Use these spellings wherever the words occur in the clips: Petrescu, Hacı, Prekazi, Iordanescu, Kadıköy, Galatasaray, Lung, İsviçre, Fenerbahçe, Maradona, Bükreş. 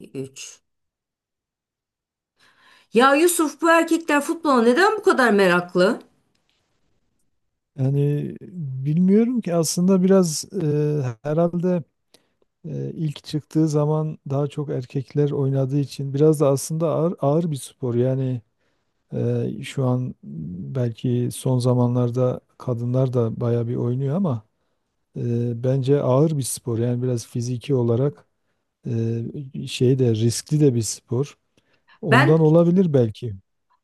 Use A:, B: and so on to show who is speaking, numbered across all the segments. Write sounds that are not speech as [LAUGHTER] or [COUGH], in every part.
A: 3. Ya Yusuf bu erkekler futbola neden bu kadar meraklı?
B: Yani bilmiyorum ki aslında biraz herhalde ilk çıktığı zaman daha çok erkekler oynadığı için biraz da aslında ağır, ağır bir spor. Yani şu an belki son zamanlarda kadınlar da bayağı bir oynuyor ama bence ağır bir spor. Yani biraz fiziki olarak şey de riskli de bir spor.
A: Ben
B: Ondan olabilir belki.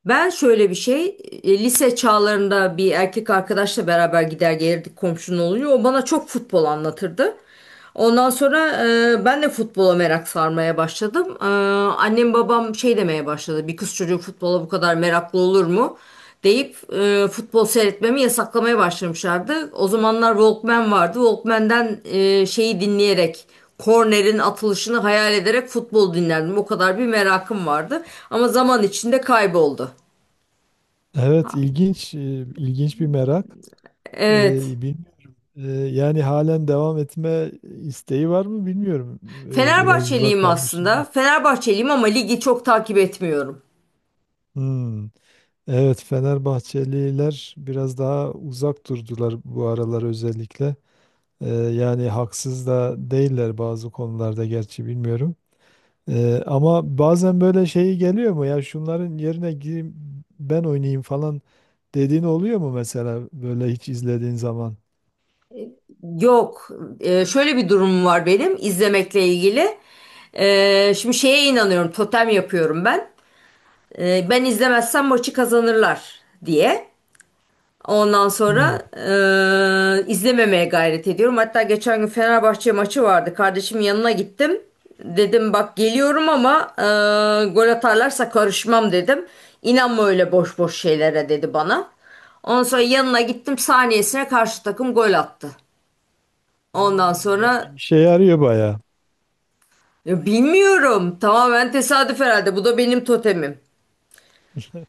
A: Ben şöyle bir şey, lise çağlarında bir erkek arkadaşla beraber gider gelirdik komşunun oluyor. O bana çok futbol anlatırdı. Ondan sonra ben de futbola merak sarmaya başladım. Annem babam şey demeye başladı. Bir kız çocuğu futbola bu kadar meraklı olur mu? Deyip futbol seyretmemi yasaklamaya başlamışlardı. O zamanlar Walkman vardı. Walkman'den şeyi dinleyerek kornerin atılışını hayal ederek futbol dinlerdim. O kadar bir merakım vardı. Ama zaman içinde kayboldu.
B: Evet, ilginç ilginç bir merak.
A: Evet.
B: Bilmiyorum. Yani halen devam etme isteği var mı bilmiyorum. Biraz uzak
A: Fenerbahçeliyim
B: kalmışız.
A: aslında. Fenerbahçeliyim ama ligi çok takip etmiyorum.
B: Hmm. Evet, Fenerbahçeliler biraz daha uzak durdular bu aralar özellikle. Yani haksız da değiller bazı konularda, gerçi bilmiyorum. Ama bazen böyle şeyi geliyor mu, ya şunların yerine gireyim ben oynayayım falan dediğin oluyor mu mesela, böyle hiç izlediğin zaman?
A: Yok. Şöyle bir durumum var benim izlemekle ilgili. Şimdi şeye inanıyorum. Totem yapıyorum ben. Ben izlemezsem maçı kazanırlar diye. Ondan
B: Hmm.
A: sonra izlememeye gayret ediyorum. Hatta geçen gün Fenerbahçe maçı vardı. Kardeşimin yanına gittim. Dedim bak geliyorum ama gol atarlarsa karışmam dedim. İnanma öyle boş boş şeylere dedi bana. Ondan sonra yanına gittim saniyesine karşı takım gol attı.
B: Ha,
A: Ondan
B: yani
A: sonra
B: işe yarıyor bayağı.
A: ya bilmiyorum tamamen tesadüf herhalde bu da benim totemim.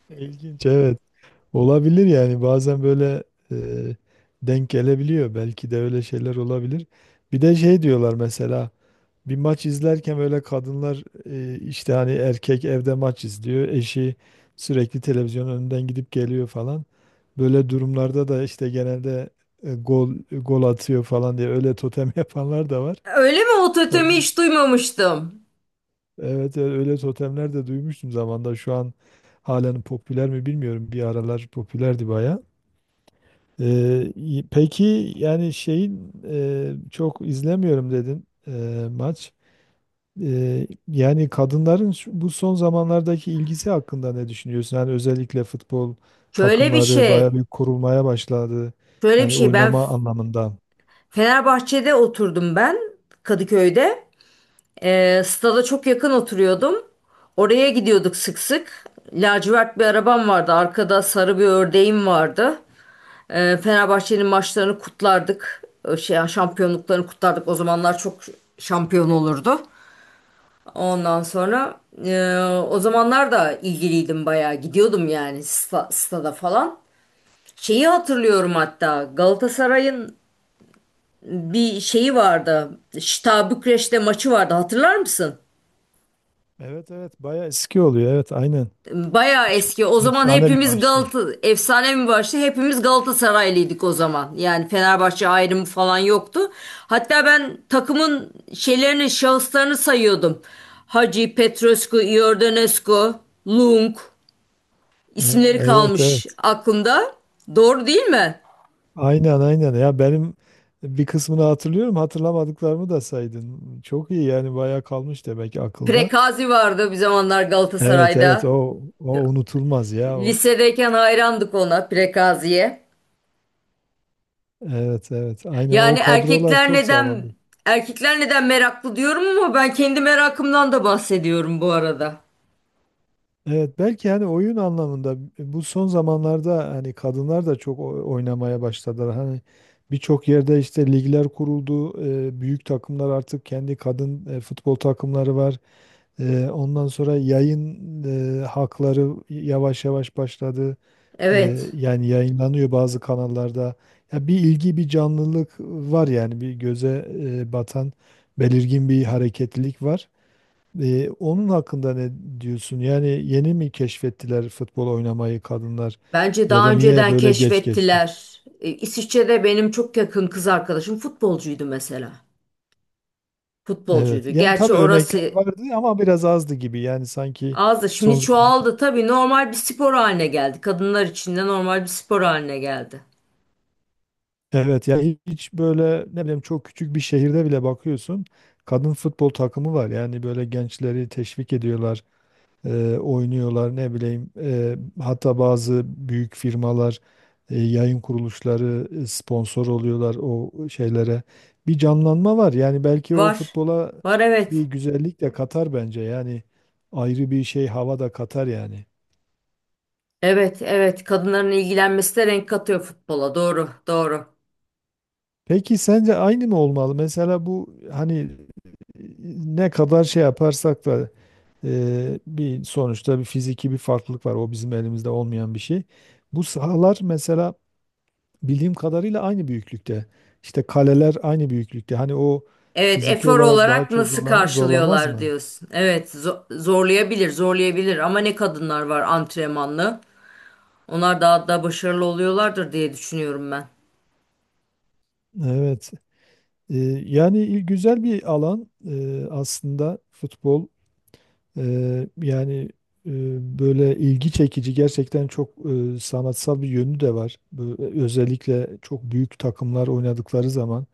B: İlginç, evet. Olabilir yani, bazen böyle e, denk gelebiliyor. Belki de öyle şeyler olabilir. Bir de şey diyorlar mesela, bir maç izlerken böyle kadınlar işte hani erkek evde maç izliyor. Eşi sürekli televizyonun önünden gidip geliyor falan. Böyle durumlarda da işte genelde gol gol atıyor falan diye öyle totem [LAUGHS] yapanlar da var.
A: Öyle mi? O
B: Tabii,
A: totemi hiç duymamıştım.
B: evet evet, öyle totemler de duymuştum zamanda. Şu an halen popüler mi bilmiyorum. Bir aralar popülerdi bayağı. Peki yani şeyin çok izlemiyorum dedin maç. Yani kadınların bu son zamanlardaki ilgisi hakkında ne düşünüyorsun? Yani özellikle futbol
A: Şöyle bir
B: takımları bayağı
A: şey.
B: bir kurulmaya başladı.
A: Şöyle bir
B: Yani
A: şey, ben
B: oynama anlamında.
A: Fenerbahçe'de oturdum, ben Kadıköy'de. Stada çok yakın oturuyordum. Oraya gidiyorduk sık sık. Lacivert bir arabam vardı. Arkada sarı bir ördeğim vardı. Fenerbahçe'nin maçlarını kutlardık. Yani şampiyonluklarını kutlardık. O zamanlar çok şampiyon olurdu. Ondan sonra o zamanlar da ilgiliydim bayağı. Gidiyordum yani stada falan. Şeyi hatırlıyorum hatta Galatasaray'ın bir şeyi vardı. Bükreş'te maçı vardı. Hatırlar mısın?
B: Evet evet, bayağı eski oluyor. Evet, aynen.
A: Bayağı
B: Çok
A: eski. O zaman
B: efsane bir
A: hepimiz
B: maçtı.
A: Galata efsane mi başladı? Hepimiz Galatasaraylıydık o zaman. Yani Fenerbahçe ayrımı falan yoktu. Hatta ben takımın şeylerini, şahıslarını sayıyordum. Hacı, Petrescu, Iordanescu, Lung
B: Ha,
A: isimleri
B: evet
A: kalmış
B: evet.
A: aklımda. Doğru değil mi?
B: Aynen aynen. Ya benim bir kısmını hatırlıyorum. Hatırlamadıklarımı da saydın. Çok iyi yani, bayağı kalmış demek ki akılda.
A: Prekazi vardı bir zamanlar
B: Evet evet,
A: Galatasaray'da.
B: o o unutulmaz ya o.
A: Lisedeyken hayrandık ona, Prekazi'ye.
B: Evet evet, aynen,
A: Yani
B: o kadrolar
A: erkekler
B: çok
A: neden
B: sağlamdı.
A: erkekler neden meraklı diyorum ama ben kendi merakımdan da bahsediyorum bu arada.
B: Evet, belki hani oyun anlamında bu son zamanlarda hani kadınlar da çok oynamaya başladılar. Hani birçok yerde işte ligler kuruldu. Büyük takımlar artık kendi kadın futbol takımları var. Ondan sonra yayın hakları yavaş yavaş başladı. Ee,
A: Evet.
B: yani yayınlanıyor bazı kanallarda. Ya bir ilgi, bir canlılık var yani, bir göze batan belirgin bir hareketlilik var. Onun hakkında ne diyorsun? Yani yeni mi keşfettiler futbol oynamayı kadınlar,
A: Bence
B: ya
A: daha
B: da niye
A: önceden
B: böyle geç keşfet?
A: keşfettiler. İsviçre'de benim çok yakın kız arkadaşım futbolcuydu mesela.
B: Evet.
A: Futbolcuydu.
B: Yani
A: Gerçi
B: tabii örnekler
A: orası
B: vardı ama biraz azdı gibi. Yani sanki
A: azdı.
B: son
A: Şimdi
B: zaman,
A: çoğaldı tabii. Normal bir spor haline geldi. Kadınlar için de normal bir spor haline geldi.
B: evet, yani hiç böyle ne bileyim çok küçük bir şehirde bile bakıyorsun kadın futbol takımı var. Yani böyle gençleri teşvik ediyorlar, oynuyorlar, ne bileyim, hatta bazı büyük firmalar, yayın kuruluşları sponsor oluyorlar o şeylere, bir canlanma var yani. Belki o
A: Var.
B: futbola
A: Var,
B: bir
A: evet.
B: güzellik de katar bence, yani ayrı bir şey, hava da katar yani.
A: Evet, evet. Kadınların ilgilenmesi de renk katıyor futbola. Doğru, doğru.
B: Peki sence aynı mı olmalı? Mesela bu hani e, ne kadar şey yaparsak da bir sonuçta bir fiziki bir farklılık var. O bizim elimizde olmayan bir şey. Bu sahalar mesela bildiğim kadarıyla aynı büyüklükte. İşte kaleler aynı büyüklükte. Hani o
A: Evet,
B: fiziki
A: efor
B: olarak daha
A: olarak
B: çok
A: nasıl
B: zorlamaz
A: karşılıyorlar
B: mı?
A: diyorsun. Evet, zorlayabilir, zorlayabilir ama ne kadınlar var antrenmanlı. Onlar daha da başarılı oluyorlardır diye düşünüyorum ben.
B: Evet. Ee, yani, güzel bir alan aslında futbol. Yani e, böyle ilgi çekici, gerçekten çok sanatsal bir yönü de var. Böyle özellikle çok büyük takımlar oynadıkları zaman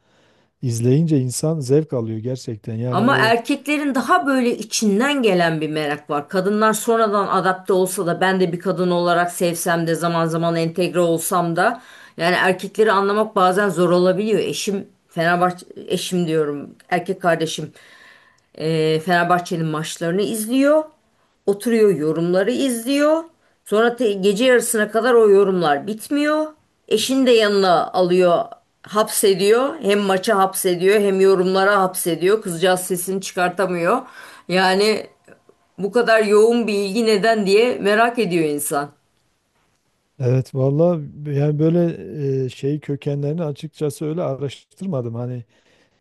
B: izleyince insan zevk alıyor gerçekten. Yani
A: Ama
B: o.
A: erkeklerin daha böyle içinden gelen bir merak var. Kadınlar sonradan adapte olsa da, ben de bir kadın olarak sevsem de, zaman zaman entegre olsam da yani erkekleri anlamak bazen zor olabiliyor. Eşim Fenerbahçe, eşim diyorum, erkek kardeşim. Fenerbahçe'nin maçlarını izliyor. Oturuyor, yorumları izliyor. Sonra gece yarısına kadar o yorumlar bitmiyor. Eşini de yanına alıyor, hapsediyor. Hem maça hapsediyor hem yorumlara hapsediyor. Kızcağız sesini çıkartamıyor. Yani bu kadar yoğun bir ilgi neden diye merak ediyor insan.
B: Evet valla, yani böyle şey kökenlerini açıkçası öyle araştırmadım. Hani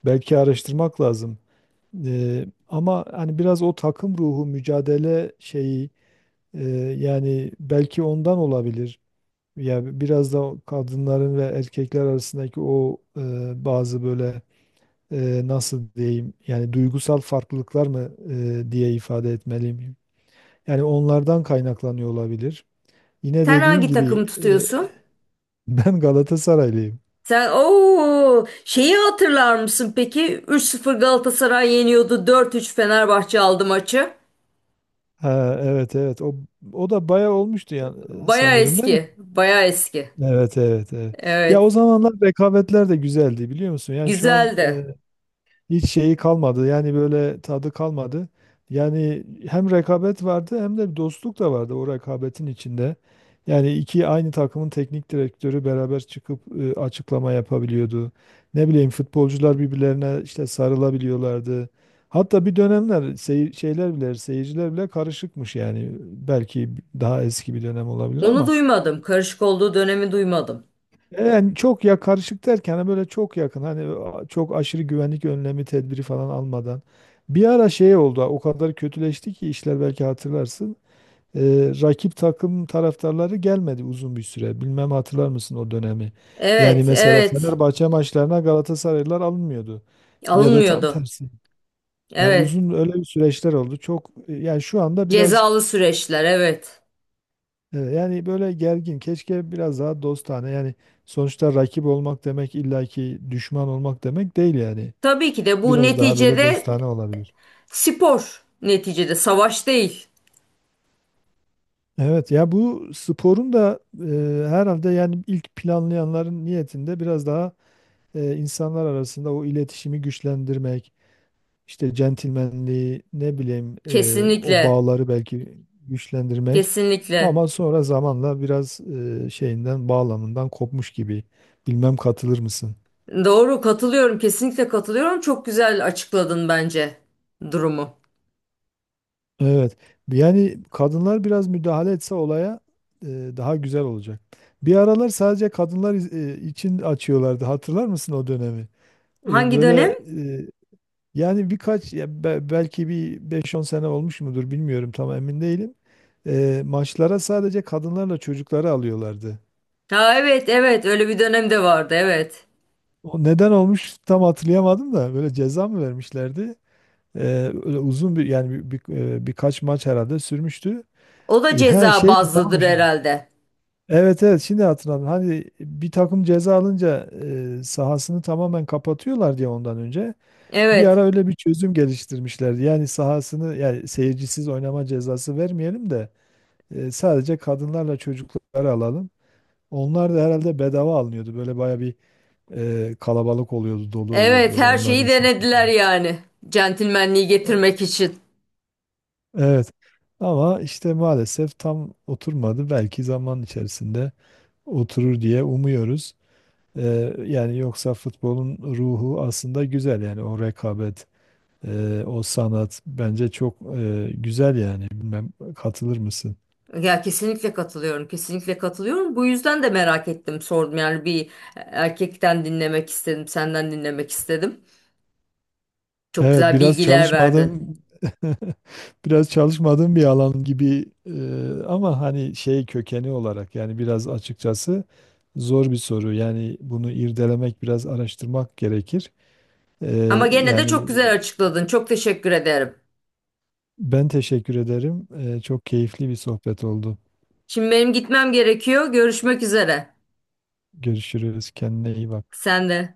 B: belki araştırmak lazım. Ama hani biraz o takım ruhu, mücadele şeyi, e, yani belki ondan olabilir. Yani biraz da kadınların ve erkekler arasındaki o bazı böyle nasıl diyeyim yani, duygusal farklılıklar mı diye ifade etmeliyim. Yani onlardan kaynaklanıyor olabilir. Yine
A: Sen
B: dediğim
A: hangi
B: gibi
A: takımı tutuyorsun?
B: [LAUGHS] ben Galatasaraylıyım.
A: Sen ooo şeyi hatırlar mısın peki? 3-0 Galatasaray yeniyordu. Dört üç Fenerbahçe aldı maçı.
B: Ha, evet evet, o o da bayağı olmuştu ya,
A: Baya
B: sanırım, değil mi?
A: eski, baya eski.
B: Evet evet evet. Ya o
A: Evet,
B: zamanlar rekabetler de güzeldi, biliyor musun? Yani şu an
A: güzeldi.
B: hiç şeyi kalmadı. Yani böyle tadı kalmadı. Yani hem rekabet vardı hem de bir dostluk da vardı o rekabetin içinde. Yani iki aynı takımın teknik direktörü beraber çıkıp açıklama yapabiliyordu. Ne bileyim, futbolcular birbirlerine işte sarılabiliyorlardı. Hatta bir dönemler şeyler bile, seyirciler bile karışıkmış yani. Belki daha eski bir dönem olabilir
A: Onu
B: ama,
A: duymadım. Karışık olduğu dönemi duymadım.
B: yani çok, ya karışık derken hani böyle çok yakın, hani çok aşırı güvenlik önlemi, tedbiri falan almadan. Bir ara şey oldu, o kadar kötüleşti ki işler, belki hatırlarsın. Rakip takım taraftarları gelmedi uzun bir süre. Bilmem hatırlar mısın o dönemi? Yani
A: Evet,
B: mesela
A: evet.
B: Fenerbahçe maçlarına Galatasaraylılar alınmıyordu. Ya da tam
A: Alınmıyordu.
B: tersi. Yani
A: Evet.
B: uzun öyle bir süreçler oldu. Çok, yani şu anda biraz.
A: Cezalı süreçler, evet.
B: Evet, yani böyle gergin. Keşke biraz daha dostane. Yani sonuçta rakip olmak demek illaki düşman olmak demek değil yani.
A: Tabii ki de bu
B: Biraz daha böyle
A: neticede
B: dostane olabilir.
A: spor. Neticede savaş değil.
B: Evet ya, bu sporun da herhalde yani ilk planlayanların niyetinde biraz daha insanlar arasında o iletişimi güçlendirmek, işte centilmenliği, ne bileyim, o
A: Kesinlikle,
B: bağları belki güçlendirmek,
A: kesinlikle.
B: ama sonra zamanla biraz şeyinden, bağlamından kopmuş gibi. Bilmem katılır mısın?
A: Doğru, katılıyorum, kesinlikle katılıyorum. Çok güzel açıkladın bence durumu.
B: Evet. Yani kadınlar biraz müdahale etse olaya e, daha güzel olacak. Bir aralar sadece kadınlar için açıyorlardı. Hatırlar mısın o dönemi?
A: Hangi dönem?
B: Böyle e, yani birkaç, ya belki bir beş on sene olmuş mudur bilmiyorum, tam emin değilim. Maçlara sadece kadınlarla çocukları alıyorlardı.
A: Ha evet, evet. Öyle bir dönem de vardı, evet.
B: O neden olmuş tam hatırlayamadım da, böyle ceza mı vermişlerdi? E, öyle uzun bir, yani birkaç maç herhalde sürmüştü.
A: O da
B: Ha,
A: ceza
B: şey, tamam
A: bazlıdır
B: şey.
A: herhalde.
B: Evet evet, şimdi hatırladım. Hani bir takım ceza alınca sahasını tamamen kapatıyorlar diye, ondan önce bir
A: Evet.
B: ara öyle bir çözüm geliştirmişlerdi. Yani sahasını, yani seyircisiz oynama cezası vermeyelim de sadece kadınlarla çocukları alalım. Onlar da herhalde bedava alınıyordu. Böyle baya bir kalabalık oluyordu, dolu oluyordu
A: Evet,
B: böyle,
A: her şeyi
B: onların sesi.
A: denediler yani. Centilmenliği
B: E,
A: getirmek için.
B: Evet. Ama işte maalesef tam oturmadı. Belki zaman içerisinde oturur diye umuyoruz. Yani yoksa futbolun ruhu aslında güzel yani, o rekabet, o sanat bence çok güzel yani. Bilmem katılır mısın?
A: Ya kesinlikle katılıyorum. Kesinlikle katılıyorum. Bu yüzden de merak ettim, sordum. Yani bir erkekten dinlemek istedim, senden dinlemek istedim. Çok
B: Evet,
A: güzel
B: biraz
A: bilgiler verdin.
B: çalışmadım. [LAUGHS] Biraz çalışmadığım bir alan gibi ama hani şey, kökeni olarak yani biraz açıkçası zor bir soru. Yani bunu irdelemek, biraz araştırmak gerekir. E,
A: Ama gene de
B: yani
A: çok güzel açıkladın. Çok teşekkür ederim.
B: ben teşekkür ederim. Çok keyifli bir sohbet oldu.
A: Şimdi benim gitmem gerekiyor. Görüşmek üzere.
B: Görüşürüz. Kendine iyi bak.
A: Sen de.